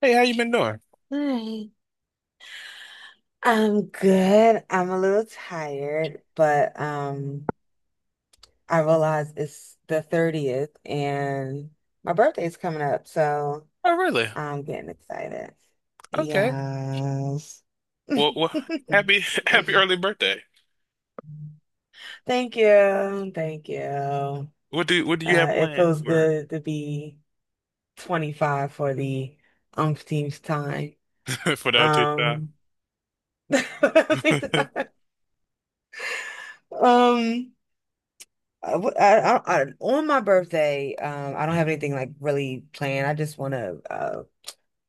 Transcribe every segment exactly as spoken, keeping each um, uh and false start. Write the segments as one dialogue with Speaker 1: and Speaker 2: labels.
Speaker 1: Hey, how you been doing?
Speaker 2: Hi. I'm good. I'm a little tired, but um I realize it's the thirtieth and my birthday's coming up, so
Speaker 1: Oh, really?
Speaker 2: I'm getting excited.
Speaker 1: Okay.
Speaker 2: Yes.
Speaker 1: Well, well, happy happy early birthday.
Speaker 2: Thank you. Thank you. Uh,
Speaker 1: What do what do you have
Speaker 2: it
Speaker 1: planned
Speaker 2: feels
Speaker 1: for
Speaker 2: good to be twenty-five for the umpteenth time.
Speaker 1: for the update time?
Speaker 2: Um, um, I, w- I- I- I- on my birthday, um, I don't have anything like really planned. I just want to uh,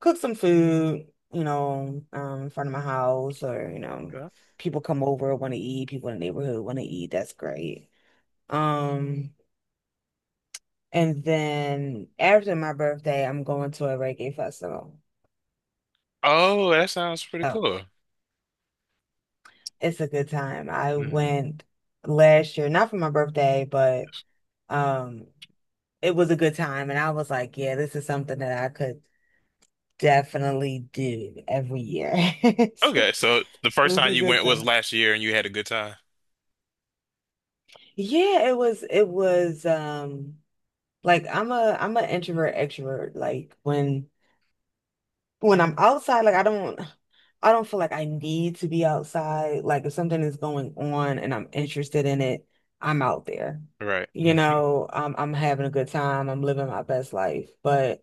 Speaker 2: cook some food, you know, um, in front of my house, or you know,
Speaker 1: Okay.
Speaker 2: people come over want to eat, people in the neighborhood want to eat. That's great. Um, and then after my birthday, I'm going to a reggae festival.
Speaker 1: Oh, that sounds pretty
Speaker 2: Oh,
Speaker 1: cool.
Speaker 2: it's a good time. I
Speaker 1: Hmm.
Speaker 2: went last year, not for my birthday, but
Speaker 1: Yes.
Speaker 2: um, it was a good time, and I was like, yeah, this is something that I could definitely do every year.
Speaker 1: Okay, so the first
Speaker 2: It's
Speaker 1: time
Speaker 2: a
Speaker 1: you
Speaker 2: good
Speaker 1: went was
Speaker 2: time.
Speaker 1: last year, and you had a good time.
Speaker 2: Yeah, it was it was um like I'm a I'm an introvert extrovert. Like when when I'm outside, like I don't I don't feel like I need to be outside. Like if something is going on and I'm interested in it, I'm out there.
Speaker 1: Right.
Speaker 2: You know, I'm I'm having a good time. I'm living my best life. But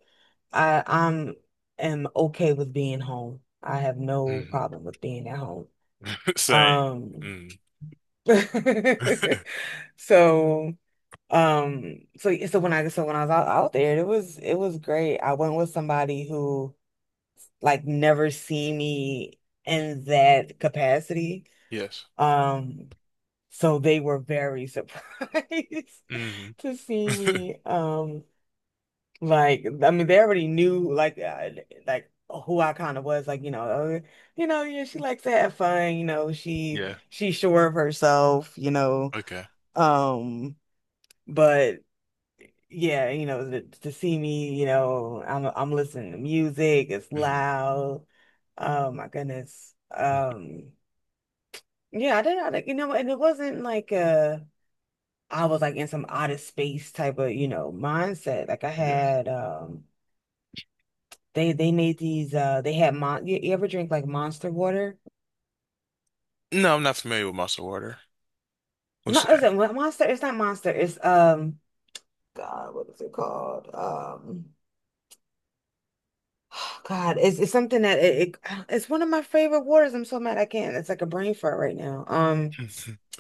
Speaker 2: I I'm am okay with being home. I have no
Speaker 1: Mhm.
Speaker 2: problem with being at home.
Speaker 1: Same.
Speaker 2: Um,
Speaker 1: Mm.
Speaker 2: So, um, so yeah, so when I so when I was out, out there, it was it was great. I went with somebody who like never seen me in that capacity.
Speaker 1: Yes.
Speaker 2: Um, so they were very surprised
Speaker 1: Hmm.
Speaker 2: to see me. Um, like I mean, they already knew like uh, like who I kind of was. Like you know, uh, you know, yeah, she likes to have fun. You know, she
Speaker 1: Yeah.
Speaker 2: she's sure of herself. You know.
Speaker 1: Okay.
Speaker 2: Um, But yeah, you know, to, to see me, you know, I'm I'm listening to music. It's
Speaker 1: Mm.
Speaker 2: loud. Oh my goodness. Um, yeah, I didn't, I didn't- you know, and it wasn't like uh I was like in some outer space type of, you know, mindset. Like I
Speaker 1: Yes.
Speaker 2: had um they they made these uh they had mon you, you ever drink like Monster water?
Speaker 1: No, I'm not familiar with muscle water. What's
Speaker 2: No, is
Speaker 1: that?
Speaker 2: it Monster? It's not Monster. It's um God, what is it called? Um Oh, God, it's, it's something that it, it it's one of my favorite waters. I'm so mad I can't. It's like a brain fart right now. Um,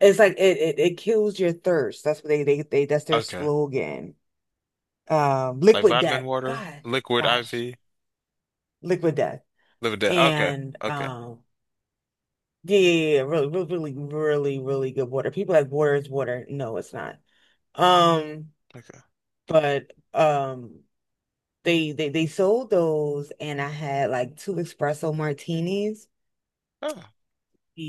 Speaker 2: it's like it it, it kills your thirst. That's what they, they they that's their
Speaker 1: Okay.
Speaker 2: slogan. Um,
Speaker 1: Like
Speaker 2: liquid
Speaker 1: vitamin
Speaker 2: death.
Speaker 1: water,
Speaker 2: Gosh,
Speaker 1: liquid
Speaker 2: gosh,
Speaker 1: I V.
Speaker 2: liquid death.
Speaker 1: Live Living Dead. Okay.
Speaker 2: And
Speaker 1: Okay.
Speaker 2: um, yeah, yeah, yeah, really, really, really, really, really good water. People like water is water. No, it's not. Um,
Speaker 1: Okay.
Speaker 2: but um, they they they sold those, and I had like two espresso martinis.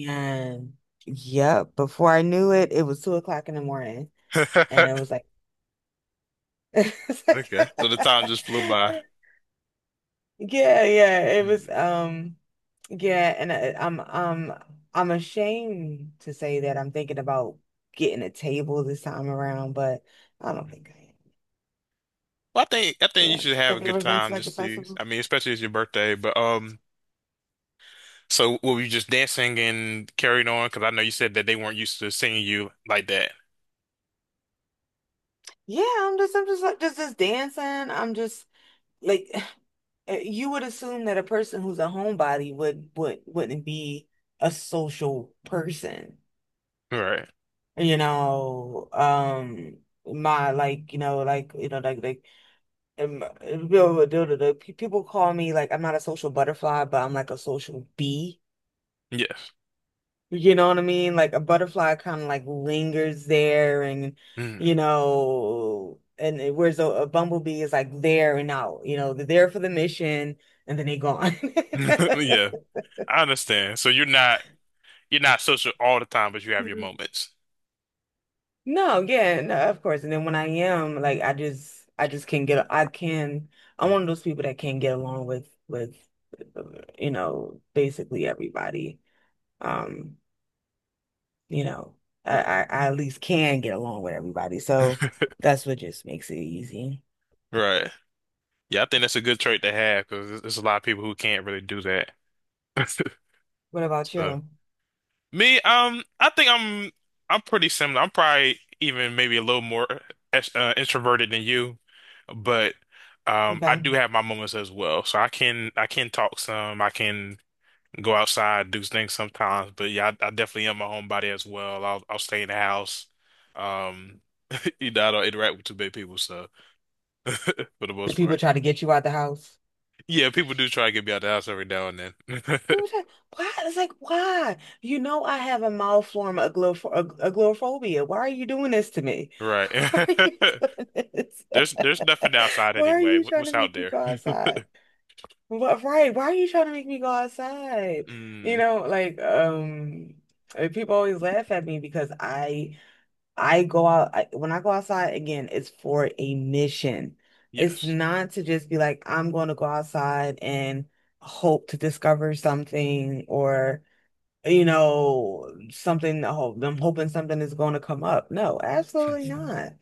Speaker 2: And yeah, before I knew it, it was two o'clock in the morning.
Speaker 1: Oh.
Speaker 2: And it was like, it's like-
Speaker 1: Okay. So the time just flew by.
Speaker 2: yeah, yeah, it was,
Speaker 1: Mhm.
Speaker 2: um, yeah. And I, I'm, um, I'm ashamed to say that I'm thinking about getting a table this time around, but I don't think I am.
Speaker 1: Well, I think I think you
Speaker 2: Yeah.
Speaker 1: should have a
Speaker 2: Have you
Speaker 1: good
Speaker 2: ever been to
Speaker 1: time
Speaker 2: like a
Speaker 1: just to
Speaker 2: festival?
Speaker 1: I mean, especially it's your birthday, but um so were you just dancing and carried on? Because I know you said that they weren't used to seeing you like that.
Speaker 2: Yeah, I'm just, I'm just like, just, just dancing. I'm just like, uh, you would assume that a person who's a homebody would would wouldn't be a social person.
Speaker 1: Right.
Speaker 2: You know, um, my like you know like you know like like um, you know, the, the, the pe- people call me like I'm not a social butterfly, but I'm like a social bee.
Speaker 1: Yes.
Speaker 2: You know what I mean? Like a butterfly kind of like lingers there and you
Speaker 1: Mhm.
Speaker 2: know and it- whereas a, a bumblebee is like there and out, you know, they're there for the mission and then they gone.
Speaker 1: Yeah. I understand. So you're not you're not social all the time, but you have your moments.
Speaker 2: No, yeah, no, of course. And then when I am, like, I just, I just can't get, I can, I'm
Speaker 1: Mhm.
Speaker 2: one of those people that can't get along with, with, you know, basically everybody. Um, you know, I,
Speaker 1: Okay.
Speaker 2: I, I at least can get along with everybody. So that's what just makes it easy.
Speaker 1: Right. Yeah, I think that's a good trait to have because there's there's a lot of people who can't really do that.
Speaker 2: What about
Speaker 1: So
Speaker 2: you?
Speaker 1: me, um, I think I'm I'm pretty similar. I'm probably even maybe a little more ex- uh, introverted than you, but um, I
Speaker 2: Okay.
Speaker 1: do have my moments as well. So I can I can talk some. I can go outside, do things sometimes. But yeah, I, I definitely am a homebody as well. I'll I'll stay in the house. Um, you know, I don't interact with too many people, so for the
Speaker 2: Do
Speaker 1: most
Speaker 2: people
Speaker 1: part,
Speaker 2: try to get you out the house?
Speaker 1: yeah, people do try to get me out of the house every now and then.
Speaker 2: It was like, why? It's like, why? You know, I have a mild form of aglo- ag- agoraphobia. Why are you doing this to me?
Speaker 1: Right.
Speaker 2: Why are you doing this?
Speaker 1: There's there's nothing outside
Speaker 2: Why are
Speaker 1: anyway.
Speaker 2: you
Speaker 1: What,
Speaker 2: trying
Speaker 1: what's
Speaker 2: to
Speaker 1: out
Speaker 2: make me
Speaker 1: there?
Speaker 2: go outside? What, right? Why are you trying to make me go outside? You
Speaker 1: Mm,
Speaker 2: know, like, um, uh, people always laugh at me because I I go out, I, when I go outside again, it's for a mission. It's
Speaker 1: yes.
Speaker 2: not to just be like, I'm going to go outside and hope to discover something or, you know, something, to hope, I'm hoping something is going to come up. No, absolutely not.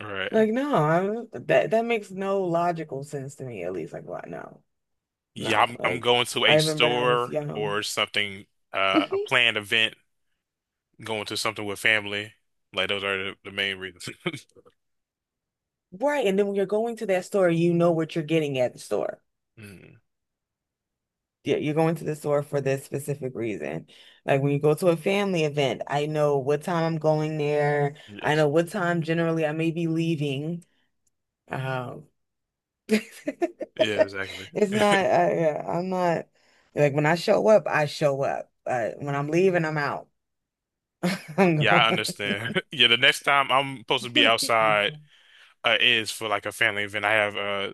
Speaker 1: All right.
Speaker 2: Like, no, I'm, that, that makes no logical sense to me, at least. Like, what? No,
Speaker 1: Yeah,
Speaker 2: no.
Speaker 1: I'm I'm
Speaker 2: Like,
Speaker 1: going to
Speaker 2: I
Speaker 1: a
Speaker 2: remember when I was
Speaker 1: store
Speaker 2: young.
Speaker 1: or something, uh, a planned event, going to something with family. Like those are the, the main reasons.
Speaker 2: Right. And then when you're going to that store, you know what you're getting at the store.
Speaker 1: Mm,
Speaker 2: Yeah, you're going to the store for this specific reason. Like when you go to a family event, I know what time I'm going there. I
Speaker 1: yes.
Speaker 2: know what time generally I may be leaving. Um, it's
Speaker 1: Yeah, exactly.
Speaker 2: not, uh, yeah, I'm not like when I show up, I show up. Uh, when I'm leaving, I'm out. I'm
Speaker 1: Yeah, I
Speaker 2: going.
Speaker 1: understand. Yeah, the next time I'm supposed to be outside uh, is for like a family event. I have a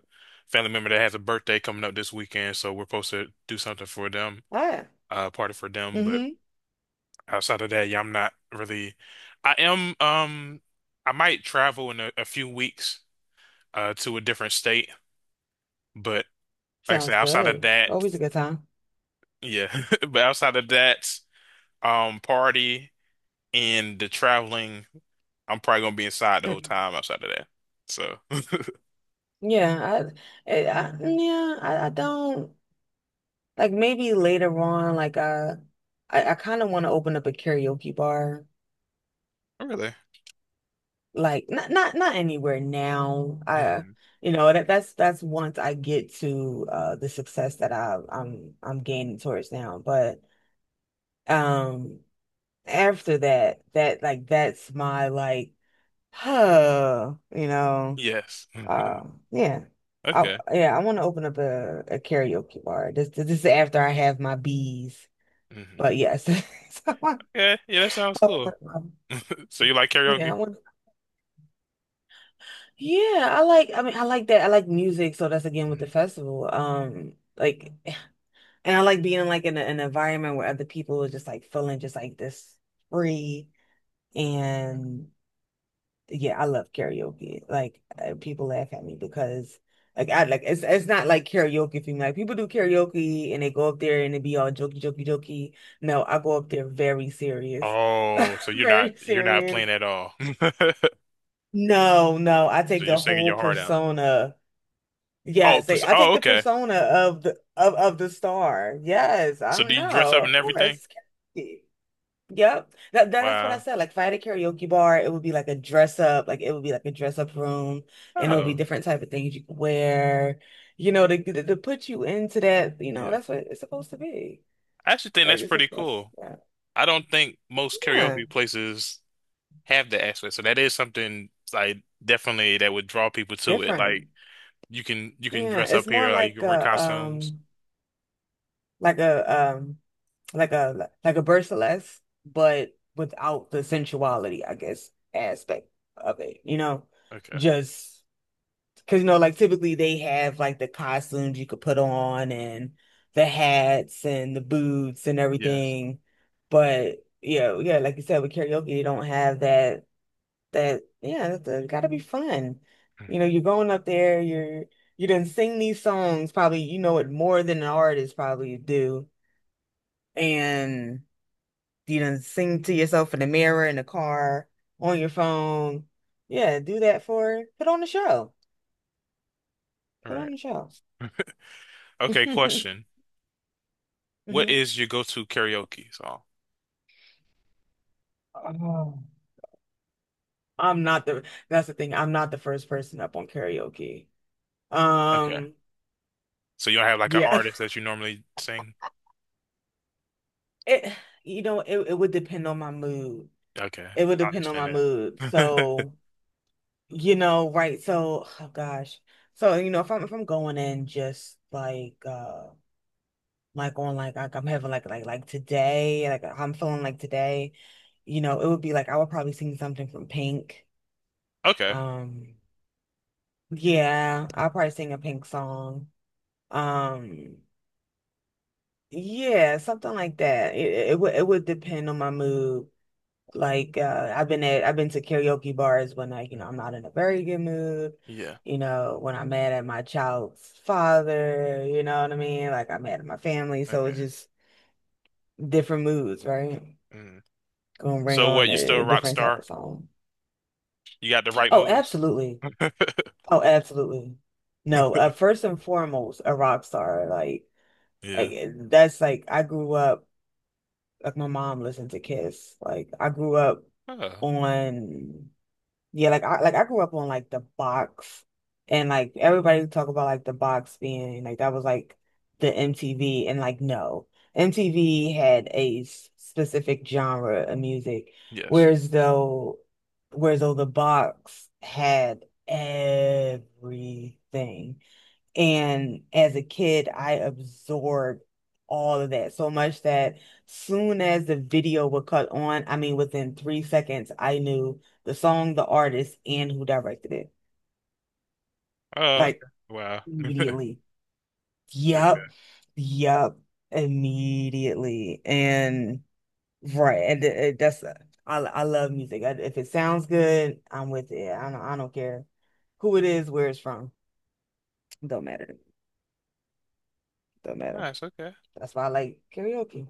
Speaker 1: family member that has a birthday coming up this weekend, so we're supposed to do something for them,
Speaker 2: Ah,
Speaker 1: uh, party for them. But.
Speaker 2: mm-hmm.
Speaker 1: Outside of that, yeah, I'm not really. I am. Um, I might travel in a, a few weeks, uh, to a different state, but like I said,
Speaker 2: Sounds
Speaker 1: outside of
Speaker 2: good.
Speaker 1: that,
Speaker 2: Always a good time.
Speaker 1: yeah. But outside of that, um, party and the traveling, I'm probably gonna be inside the whole
Speaker 2: Mm.
Speaker 1: time. Outside of that, so
Speaker 2: Yeah, I, I, I yeah, I, I don't. Like maybe later on, like uh I, I kind of want to open up a karaoke bar.
Speaker 1: really,
Speaker 2: Like not not not anywhere now. I
Speaker 1: hmm
Speaker 2: You know that that's that's once I get to uh the success that I I'm I'm gaining towards now. But um after that that like that's my like huh you know
Speaker 1: yes,
Speaker 2: uh yeah. I
Speaker 1: okay,
Speaker 2: Yeah, I want to open up a, a karaoke bar. This this is after I have my bees.
Speaker 1: hmm
Speaker 2: But yes. So,
Speaker 1: okay, yeah, that sounds
Speaker 2: oh,
Speaker 1: cool.
Speaker 2: um,
Speaker 1: So you like
Speaker 2: yeah, I
Speaker 1: karaoke?
Speaker 2: want, yeah, I like, I mean, I like that. I like music, so that's again with the
Speaker 1: Mhm.
Speaker 2: festival. Um, like, and I like being like in a, an environment where other people are just like feeling just like this free. And yeah, I love karaoke. Like, uh, people laugh at me because like I like it's it's not like karaoke for me. Like people do karaoke and they go up there and they be all jokey, jokey, jokey. No, I go up there very serious,
Speaker 1: Oh, so you're not
Speaker 2: very
Speaker 1: you're not
Speaker 2: serious.
Speaker 1: playing at all.
Speaker 2: No, no, I
Speaker 1: So
Speaker 2: take
Speaker 1: you're
Speaker 2: the
Speaker 1: singing
Speaker 2: whole
Speaker 1: your heart out.
Speaker 2: persona.
Speaker 1: Oh,
Speaker 2: Yes, they,
Speaker 1: pers-
Speaker 2: I
Speaker 1: oh,
Speaker 2: take the
Speaker 1: okay.
Speaker 2: persona of the of of the star. Yes, I
Speaker 1: So do
Speaker 2: am
Speaker 1: you dress
Speaker 2: no,
Speaker 1: up and
Speaker 2: of
Speaker 1: everything?
Speaker 2: course. Karaoke. Yep. That, that that's what I
Speaker 1: Wow.
Speaker 2: said. Like if I had a karaoke bar, it would be like a dress up, like it would be like a dress up room and it would be
Speaker 1: Oh,
Speaker 2: different type of things you could wear, you know, to, to to put you into that, you know,
Speaker 1: yeah.
Speaker 2: that's what it's supposed to be.
Speaker 1: I actually think
Speaker 2: Like
Speaker 1: that's
Speaker 2: it's
Speaker 1: pretty
Speaker 2: supposed,
Speaker 1: cool.
Speaker 2: yeah.
Speaker 1: I don't think most
Speaker 2: Yeah,
Speaker 1: karaoke places have that aspect, so that is something like definitely that would draw people to it.
Speaker 2: different.
Speaker 1: Like you can you can
Speaker 2: Yeah,
Speaker 1: dress
Speaker 2: it's
Speaker 1: up
Speaker 2: more
Speaker 1: here, like you
Speaker 2: like
Speaker 1: can wear
Speaker 2: a
Speaker 1: costumes.
Speaker 2: um like a um like a like a Berceless, but without the sensuality, I guess, aspect of it, you know?
Speaker 1: Okay.
Speaker 2: Just because, you know, like typically they have like the costumes you could put on and the hats and the boots and
Speaker 1: Yes.
Speaker 2: everything. But yeah, yeah, like you said, with karaoke, you don't have that that yeah, that's has gotta be fun.
Speaker 1: Hmm.
Speaker 2: You know, you're going up there, you're you done sing these songs, probably you know it more than an artist probably do. And you done sing to yourself in the mirror, in the car, on your phone. Yeah, do that for, put on the show.
Speaker 1: All
Speaker 2: Put on
Speaker 1: right.
Speaker 2: the show.
Speaker 1: Okay, question. What
Speaker 2: hmm.
Speaker 1: is your go-to karaoke song?
Speaker 2: Oh. I'm not the, that's the thing. I'm not the first person up on karaoke.
Speaker 1: Okay.
Speaker 2: Um,
Speaker 1: So you don't have like an
Speaker 2: yeah.
Speaker 1: artist that you normally sing?
Speaker 2: It, you know, it, it would depend on my mood.
Speaker 1: Okay.
Speaker 2: It would
Speaker 1: I
Speaker 2: depend on
Speaker 1: understand
Speaker 2: my mood.
Speaker 1: that.
Speaker 2: So, you know, right. So, oh gosh. So, you know, if I'm if I'm going in just like uh like on like like I'm having like like like today, like how I'm feeling like today, you know, it would be like I would probably sing something from Pink.
Speaker 1: Okay.
Speaker 2: Um, yeah, I'll probably sing a Pink song. Um, yeah, something like that. It it would it would depend on my mood. Like uh I've been at I've been to karaoke bars when like, you
Speaker 1: Mm.
Speaker 2: know, I'm not in a very good mood.
Speaker 1: Yeah.
Speaker 2: You know, when I'm mad at my child's father, you know what I mean? Like I'm mad at my family, so
Speaker 1: Okay.
Speaker 2: it's just different moods, right?
Speaker 1: Mm.
Speaker 2: Gonna bring
Speaker 1: So what,
Speaker 2: on
Speaker 1: you are still
Speaker 2: a
Speaker 1: a rock
Speaker 2: different type
Speaker 1: star?
Speaker 2: of song.
Speaker 1: You got the right
Speaker 2: Oh,
Speaker 1: moves?
Speaker 2: absolutely. Oh, absolutely. No, uh, first and foremost, a rock star. Like,
Speaker 1: Yeah.
Speaker 2: like that's like I grew up. Like my mom listened to Kiss. Like I grew up
Speaker 1: Oh,
Speaker 2: on yeah, like I like I grew up on like the box and like everybody would talk about like the box being like that was like the M T V and like no. M T V had a s- specific genre of music,
Speaker 1: yes.
Speaker 2: whereas though whereas though the box had everything. And as a kid, I absorbed all of that so much that soon as the video would cut on, I mean, within three seconds, I knew the song, the artist, and who directed it.
Speaker 1: Oh,
Speaker 2: Like
Speaker 1: okay. Wow.
Speaker 2: immediately. Yup.
Speaker 1: Okay.
Speaker 2: Yup. Immediately. And right. And it, it- that's, I, I love music. I- If it sounds good, I'm with it. I don't, I don't care who it is, where it's from. Don't matter. Don't matter.
Speaker 1: Nice. Okay.
Speaker 2: That's why I like karaoke.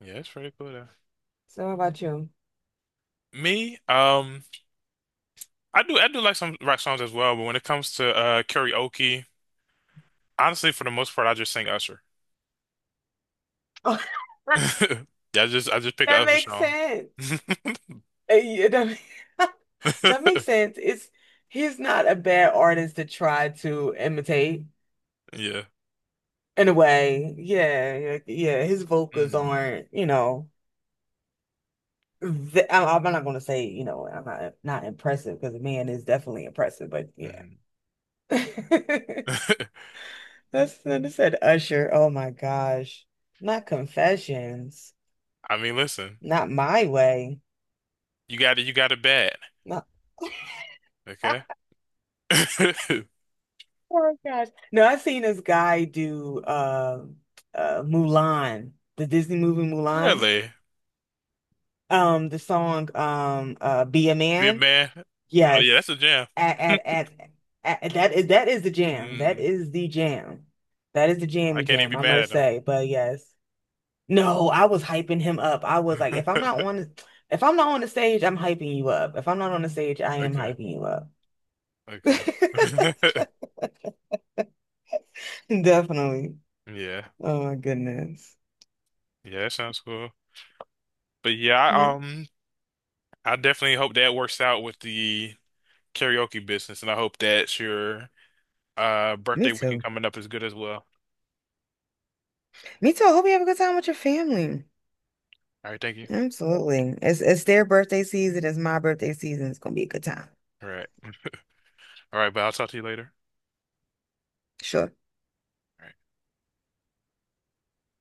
Speaker 1: Yeah, it's pretty cool though.
Speaker 2: So how about you?
Speaker 1: Me, um, I do I do like some rock songs as well, but when it comes to uh karaoke, honestly, for the most part, I just sing Usher.
Speaker 2: Oh,
Speaker 1: Yeah, I just I just pick an
Speaker 2: that
Speaker 1: Usher
Speaker 2: makes
Speaker 1: song.
Speaker 2: sense. Uh, yeah, that, ma- that makes sense. It's he's not a bad artist to try to imitate
Speaker 1: Yeah.
Speaker 2: in a way. Yeah, yeah, yeah, his vocals
Speaker 1: Mm,
Speaker 2: aren't, you know, th I- I'm not gonna say, you know, I'm not not impressive because the man is definitely impressive, but yeah.
Speaker 1: mm.
Speaker 2: That's that said Usher. Oh my gosh. Not Confessions.
Speaker 1: I mean, listen,
Speaker 2: Not My Way.
Speaker 1: you got it. You got it bad.
Speaker 2: Not
Speaker 1: Okay.
Speaker 2: oh gosh. No, I've seen this guy do uh uh Mulan, the Disney movie Mulan.
Speaker 1: Really?
Speaker 2: Um the song um uh Be a
Speaker 1: Big
Speaker 2: Man.
Speaker 1: man. Oh yeah, that's
Speaker 2: Yes.
Speaker 1: a jam.
Speaker 2: At at at, at that is that is the jam. That
Speaker 1: Mm,
Speaker 2: is the jam. That is the
Speaker 1: I
Speaker 2: jammy
Speaker 1: can't
Speaker 2: jam,
Speaker 1: even be
Speaker 2: I
Speaker 1: mad at
Speaker 2: must
Speaker 1: them.
Speaker 2: say. But yes. No, I was hyping him up. I was like, if I'm not on the, if I'm not on the stage, I'm hyping you up. If I'm not on the stage, I am
Speaker 1: Okay,
Speaker 2: hyping you up.
Speaker 1: okay.
Speaker 2: Definitely.
Speaker 1: Yeah,
Speaker 2: Oh my goodness.
Speaker 1: yeah, that sounds cool. But yeah, I,
Speaker 2: Yeah.
Speaker 1: um, I definitely hope that works out with the karaoke business, and I hope that your uh
Speaker 2: Me
Speaker 1: birthday weekend
Speaker 2: too.
Speaker 1: coming up is good as well.
Speaker 2: Me too. I hope you have a good time with your family.
Speaker 1: All right, thank you.
Speaker 2: Absolutely. It's it's their birthday season. It's my birthday season. It's gonna be a good time.
Speaker 1: All right, all right, but I'll talk to you later.
Speaker 2: Sure.
Speaker 1: All right.